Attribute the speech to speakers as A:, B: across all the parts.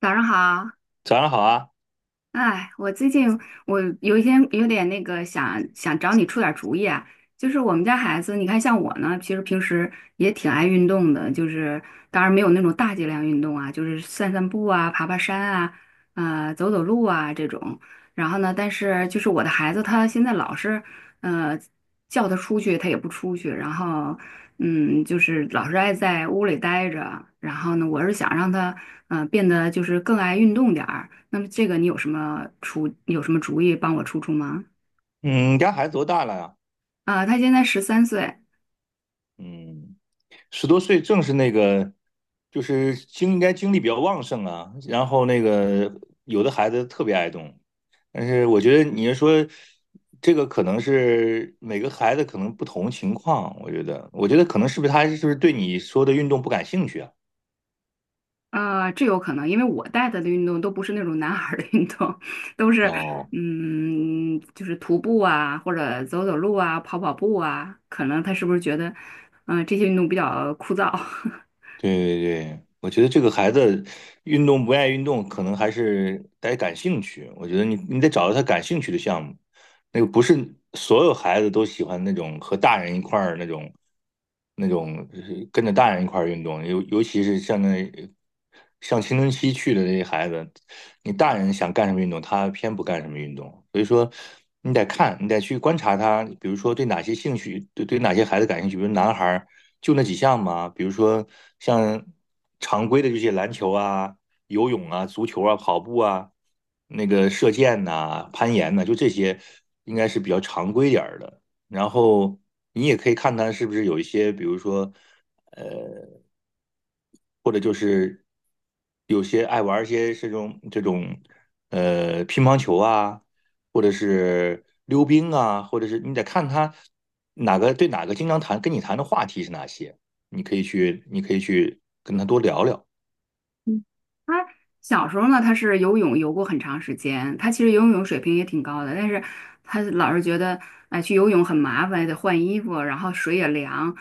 A: 早上好。
B: 早上好啊，
A: 哎，我最近我有一些有点那个想找你出点主意啊，就是我们家孩子，你看像我呢，其实平时也挺爱运动的，就是当然没有那种大剂量运动啊，就是散散步啊、爬爬山啊、走走路啊这种。然后呢，但是就是我的孩子他现在老是呃叫他出去，他也不出去，然后嗯，就是老是爱在屋里待着。然后呢，我是想让他嗯变得就是更爱运动点儿。那么这个你有什么出有什么主意帮我出出吗？
B: 嗯，你家孩子多大了呀？
A: 啊、他现在13岁。
B: 嗯，十多岁正是那个，就是精应该精力比较旺盛啊。然后那个有的孩子特别爱动，但是我觉得你是说这个可能是每个孩子可能不同情况，我觉得，我觉得可能是不是他是不是对你说的运动不感兴趣啊？
A: 啊，这有可能，因为我带他的运动都不是那种男孩儿的运动，都是
B: 哦，
A: 嗯，就是徒步啊，或者走走路啊，跑跑步啊，可能他是不是觉得，嗯、这些运动比较枯燥？
B: 对对，我觉得这个孩子运动不爱运动，可能还是得感兴趣。我觉得你得找到他感兴趣的项目，那个不是所有孩子都喜欢那种和大人一块儿那种跟着大人一块儿运动，尤其是像那像青春期去的那些孩子，你大人想干什么运动，他偏不干什么运动。所以说，你得看，你得去观察他，比如说对哪些兴趣，对哪些孩子感兴趣，比如男孩儿。就那几项嘛，比如说像常规的这些篮球啊、游泳啊、足球啊、跑步啊、那个射箭呐、攀岩呐、就这些应该是比较常规点儿的。然后你也可以看他是不是有一些，比如说，呃，或者就是有些爱玩儿一些这种乒乓球啊，或者是溜冰啊，或者是你得看他哪个经常谈跟你谈的话题是哪些，你可以去跟他多聊聊。
A: 嗯，他小时候呢，他是游泳游过很长时间，他其实游泳水平也挺高的，但是他老是觉得，哎，去游泳很麻烦，得换衣服，然后水也凉，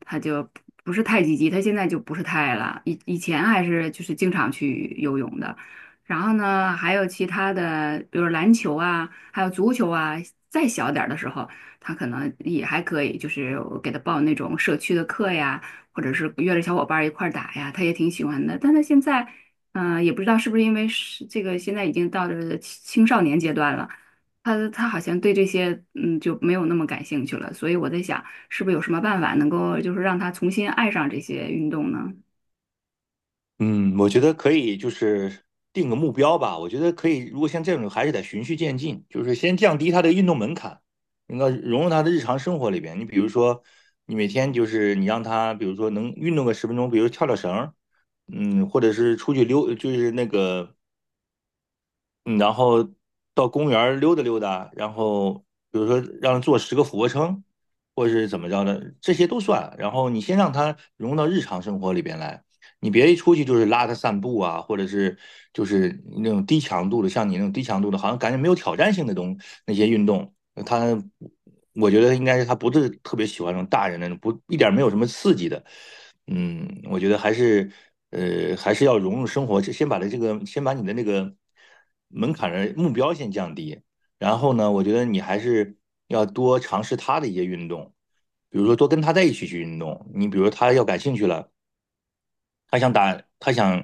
A: 他就不是太积极。他现在就不是太了，以前还是就是经常去游泳的。然后呢，还有其他的，比如篮球啊，还有足球啊。再小点儿的时候，他可能也还可以，就是我给他报那种社区的课呀。或者是约着小伙伴一块儿打呀，他也挺喜欢的。但他现在，嗯、也不知道是不是因为是这个现在已经到这青少年阶段了，他好像对这些嗯就没有那么感兴趣了。所以我在想，是不是有什么办法能够就是让他重新爱上这些运动呢？
B: 嗯，我觉得可以，就是定个目标吧。我觉得可以，如果像这种，还是得循序渐进，就是先降低他的运动门槛，那个融入他的日常生活里边。你比如说，你每天就是你让他，比如说能运动个十分钟，比如跳跳绳儿，嗯，或者是出去溜，就是那个嗯，然后到公园儿溜达溜达，然后比如说让他做十个俯卧撑，或者是怎么着的，这些都算。然后你先让他融入到日常生活里边来，你别一出去就是拉他散步啊，或者是就是那种低强度的，像你那种低强度的，好像感觉没有挑战性的东那些运动，他我觉得应该是他不是特别喜欢那种大人那种不一点儿没有什么刺激的。嗯，我觉得还是，还是要融入生活，先把的这个，先把你的那个门槛的目标先降低，然后呢，我觉得你还是要多尝试他的一些运动，比如说多跟他在一起去运动，你比如他要感兴趣了，他想打，他想，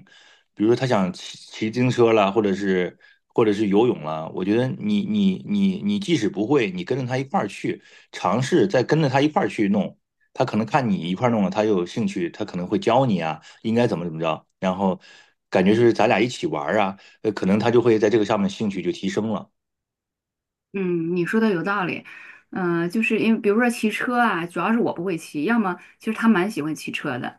B: 比如说他想骑自行车了，或者是或者是游泳了。我觉得你即使不会，你跟着他一块儿去尝试，再跟着他一块儿去弄，他可能看你一块儿弄了，他有兴趣，他可能会教你啊，应该怎么着，然后感觉是咱俩一起玩儿啊，可能他就会在这个上面兴趣就提升了。
A: 嗯，你说的有道理，嗯、就是因为比如说骑车啊，主要是我不会骑，要么其实他蛮喜欢骑车的，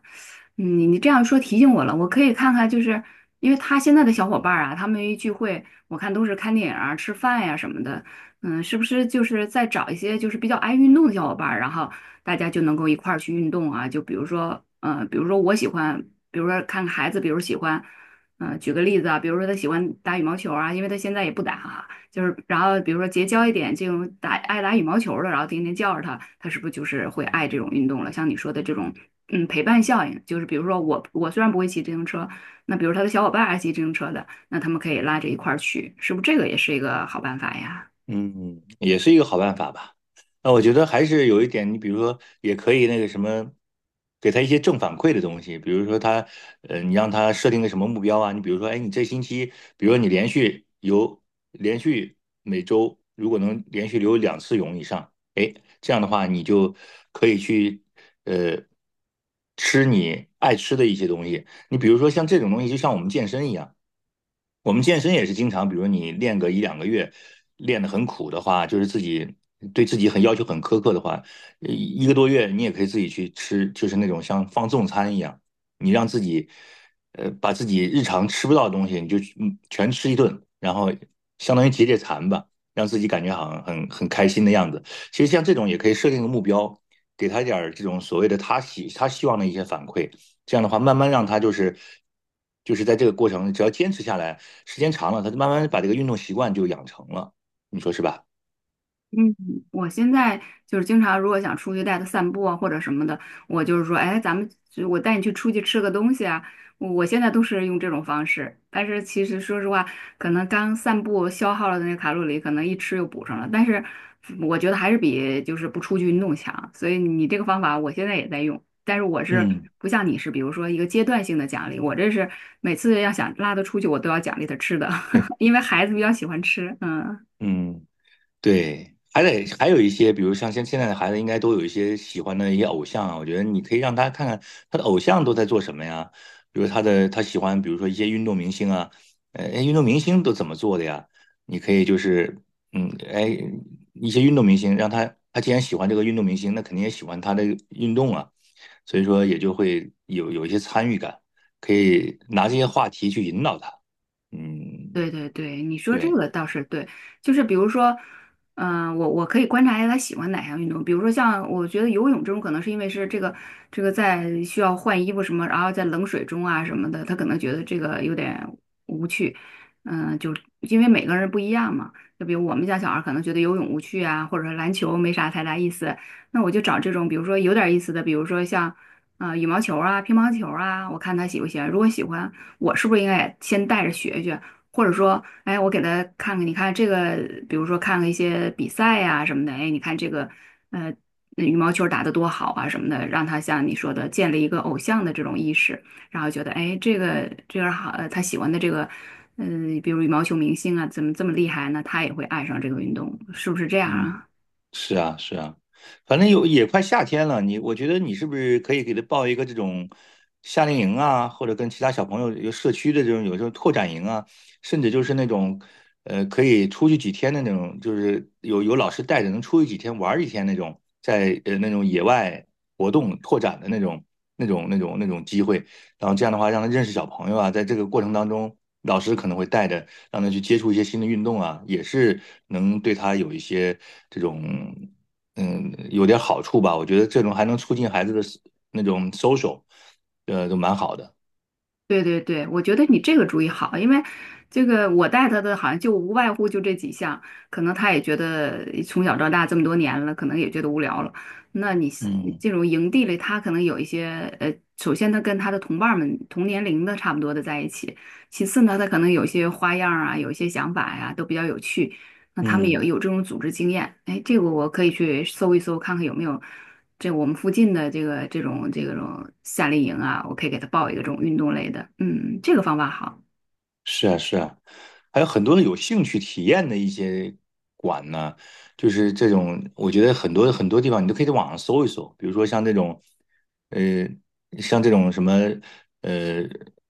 A: 嗯，你这样说提醒我了，我可以看看，就是因为他现在的小伙伴儿啊，他们一聚会，我看都是看电影啊、吃饭呀、什么的，嗯，是不是就是再找一些就是比较爱运动的小伙伴儿然后大家就能够一块儿去运动啊？就比如说，嗯，比如说我喜欢，比如说看看孩子，比如喜欢，嗯、举个例子啊，比如说他喜欢打羽毛球啊，因为他现在也不打啊。就是然后比如说结交一点这种爱打羽毛球的，然后天天叫着他，他是不是就是会爱这种运动了？像你说的这种，嗯，陪伴效应，就是比如说我虽然不会骑自行车，那比如他的小伙伴爱骑自行车的，那他们可以拉着一块儿去，是不是这个也是一个好办法呀？
B: 嗯，也是一个好办法吧。那我觉得还是有一点，你比如说，也可以那个什么，给他一些正反馈的东西，比如说他，你让他设定个什么目标啊？你比如说，哎，你这星期，比如说你连续游，连续每周如果能连续游两次泳以上，哎，这样的话你就可以去，呃，吃你爱吃的一些东西。你比如说像这种东西，就像我们健身一样。我们健身也是经常，比如你练个一两个月，练得很苦的话，就是自己对自己很要求很苛刻的话，一个多月你也可以自己去吃，就是那种像放纵餐一样，你让自己，把自己日常吃不到的东西，你就嗯全吃一顿，然后相当于解解馋吧，让自己感觉好像很开心的样子。其实像这种也可以设定个目标，给他一点儿这种所谓的他希望的一些反馈，这样的话，慢慢让他就是在这个过程，只要坚持下来，时间长了，他就慢慢把这个运动习惯就养成了，你说是吧？
A: 嗯，我现在就是经常，如果想出去带他散步啊，或者什么的，我就是说，哎，咱们就我带你去出去吃个东西啊。我现在都是用这种方式，但是其实说实话，可能刚散步消耗了的那个卡路里，可能一吃又补上了。但是我觉得还是比就是不出去运动强，所以你这个方法我现在也在用，但是我是
B: 嗯，
A: 不像你是，比如说一个阶段性的奖励，我这是每次要想拉他出去，我都要奖励他吃的，
B: 对，
A: 因为孩子比较喜欢吃，嗯。
B: 嗯。对，还得还有一些，比如像现在的孩子，应该都有一些喜欢的一些偶像啊。我觉得你可以让他看看他的偶像都在做什么呀，比如他喜欢，比如说一些运动明星啊，哎运动明星都怎么做的呀？你可以就是，嗯，哎，一些运动明星，让他既然喜欢这个运动明星，那肯定也喜欢他的运动啊，所以说也就会有一些参与感，可以拿这些话题去引导他。嗯，
A: 对对对，你说这
B: 对。
A: 个倒是对，就是比如说，嗯、我可以观察一下他喜欢哪项运动，比如说像我觉得游泳这种，可能是因为是这个在需要换衣服什么，然后在冷水中啊什么的，他可能觉得这个有点无趣，嗯、就因为每个人不一样嘛，就比如我们家小孩可能觉得游泳无趣啊，或者说篮球没啥太大意思，那我就找这种比如说有点意思的，比如说像啊、呃羽毛球啊、乒乓球啊，我看他喜不喜欢，如果喜欢，我是不是应该也先带着学学？或者说，哎，我给他看看，你看这个，比如说看了一些比赛呀、什么的，哎，你看这个，呃，那羽毛球打得多好啊什么的，让他像你说的建立一个偶像的这种意识，然后觉得，哎，这个好，呃，他喜欢的这个，嗯、比如羽毛球明星啊，怎么这么厉害呢？他也会爱上这个运动，是不是这样
B: 嗯。
A: 啊？
B: 是啊，是啊，反正有也快夏天了，你我觉得你是不是可以给他报一个这种夏令营啊，或者跟其他小朋友有社区的这种有这种拓展营啊，甚至就是那种可以出去几天的那种，就是有老师带着能出去几天玩儿几天那种，在那种野外活动拓展的那种机会，然后这样的话让他认识小朋友啊，在这个过程当中，老师可能会带着。让他去接触一些新的运动啊，也是能对他有一些这种嗯有点好处吧。我觉得这种还能促进孩子的那种 social，都蛮好的。
A: 对对对，我觉得你这个主意好，因为这个我带他的好像就无外乎就这几项，可能他也觉得从小到大这么多年了，可能也觉得无聊了。那你你
B: 嗯
A: 这种营地里，他可能有一些呃，首先他跟他的同伴儿们同年龄的差不多的在一起，其次呢，他可能有一些花样儿啊，有一些想法呀，都比较有趣。那他们也
B: 嗯。
A: 有这种组织经验，哎，这个我可以去搜一搜，看看有没有这我们附近的这个这种夏令营啊，我可以给他报一个这种运动类的，嗯，这个方法好。
B: 是啊，是啊，还有很多的有兴趣体验的一些馆呢，就是这种，我觉得很多很多地方你都可以在网上搜一搜，比如说像这种，呃，像这种什么，呃，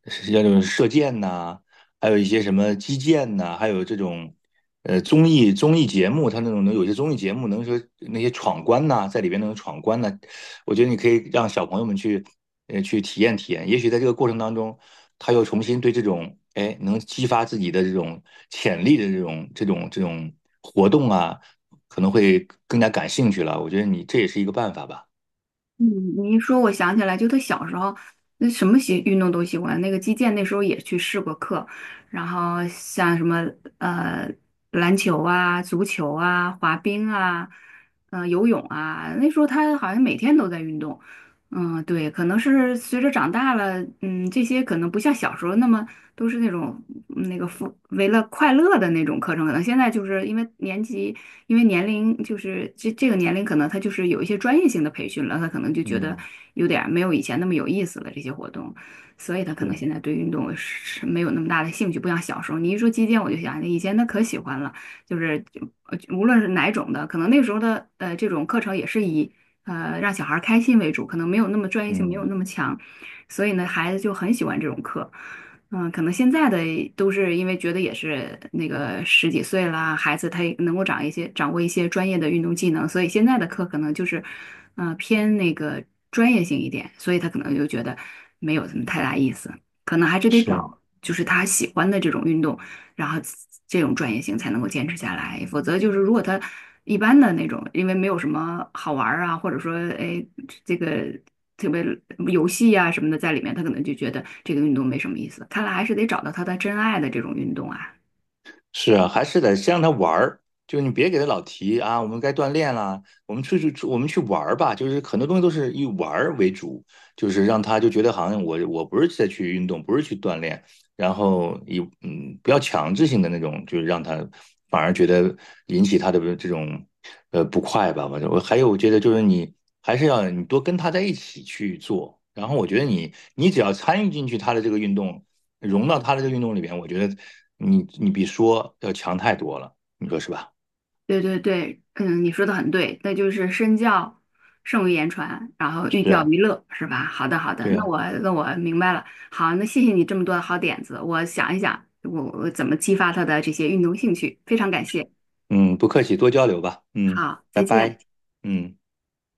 B: 像这种射箭呐、还有一些什么击剑呐、还有这种，综艺节目，它那种能有些综艺节目能说那些闯关呐、在里边那种闯关呐、我觉得你可以让小朋友们去，去体验体验。也许在这个过程当中，他又重新对这种，哎，能激发自己的这种潜力的这种活动啊，可能会更加感兴趣了。我觉得你这也是一个办法吧。
A: 嗯，你一说，我想起来，就他小时候，那什么喜运动都喜欢。那个击剑那时候也去试过课，然后像什么呃篮球啊、足球啊、滑冰啊、呃游泳啊，那时候他好像每天都在运动。嗯，对，可能是随着长大了，嗯，这些可能不像小时候那么都是那种嗯那个富为了快乐的那种课程，可能现在就是因为年级。因为年龄就是这这个年龄，可能他就是有一些专业性的培训了，他可能就觉得
B: 嗯，
A: 有点儿没有以前那么有意思了这些活动，所以他可能
B: 是，
A: 现在对运动是没有那么大的兴趣，不像小时候。你一说击剑，我就想以前他可喜欢了，就是呃无论是哪种的，可能那时候的呃这种课程也是以呃让小孩儿开心为主，可能没有那么专业性，没有
B: 嗯，
A: 那么强，所以呢孩子就很喜欢这种课。嗯，可能现在的都是因为觉得也是那个十几岁啦，孩子他也能够掌握一些专业的运动技能，所以现在的课可能就是，嗯，偏那个专业性一点，所以他可能就觉得没有什么太大意思，可能还是得
B: 是。
A: 找就是他喜欢的这种运动，然后这种专业性才能够坚持下来，否则就是如果他一般的那种，因为没有什么好玩儿啊，或者说哎这个。特别游戏呀、什么的在里面，他可能就觉得这个运动没什么意思。看来还是得找到他的真爱的这种运动啊。
B: 是啊，还是得先让他玩儿，就你别给他老提啊，我们该锻炼啦，我们出去出，我们去玩儿吧，就是很多东西都是以玩儿为主，就是让他就觉得好像我不是在去运动，不是去锻炼，然后以嗯不要强制性的那种，就是让他反而觉得引起他的这种不快吧，反正我还有我觉得就是你还是要你多跟他在一起去做，然后我觉得你只要参与进去他的这个运动。融到他的这个运动里边，我觉得你比说要强太多了，你说是吧？
A: 对对对，嗯，你说的很对，那就是身教胜于言传，然后寓
B: 是
A: 教
B: 啊，
A: 于乐，是吧？好的好的，
B: 对
A: 那
B: 啊，
A: 我那我明白了。好，那谢谢你这么多的好点子，我想一想我怎么激发他的这些运动兴趣，非常感谢。
B: 嗯，不客气，多交流吧，嗯，
A: 好，
B: 拜
A: 再见。
B: 拜，嗯。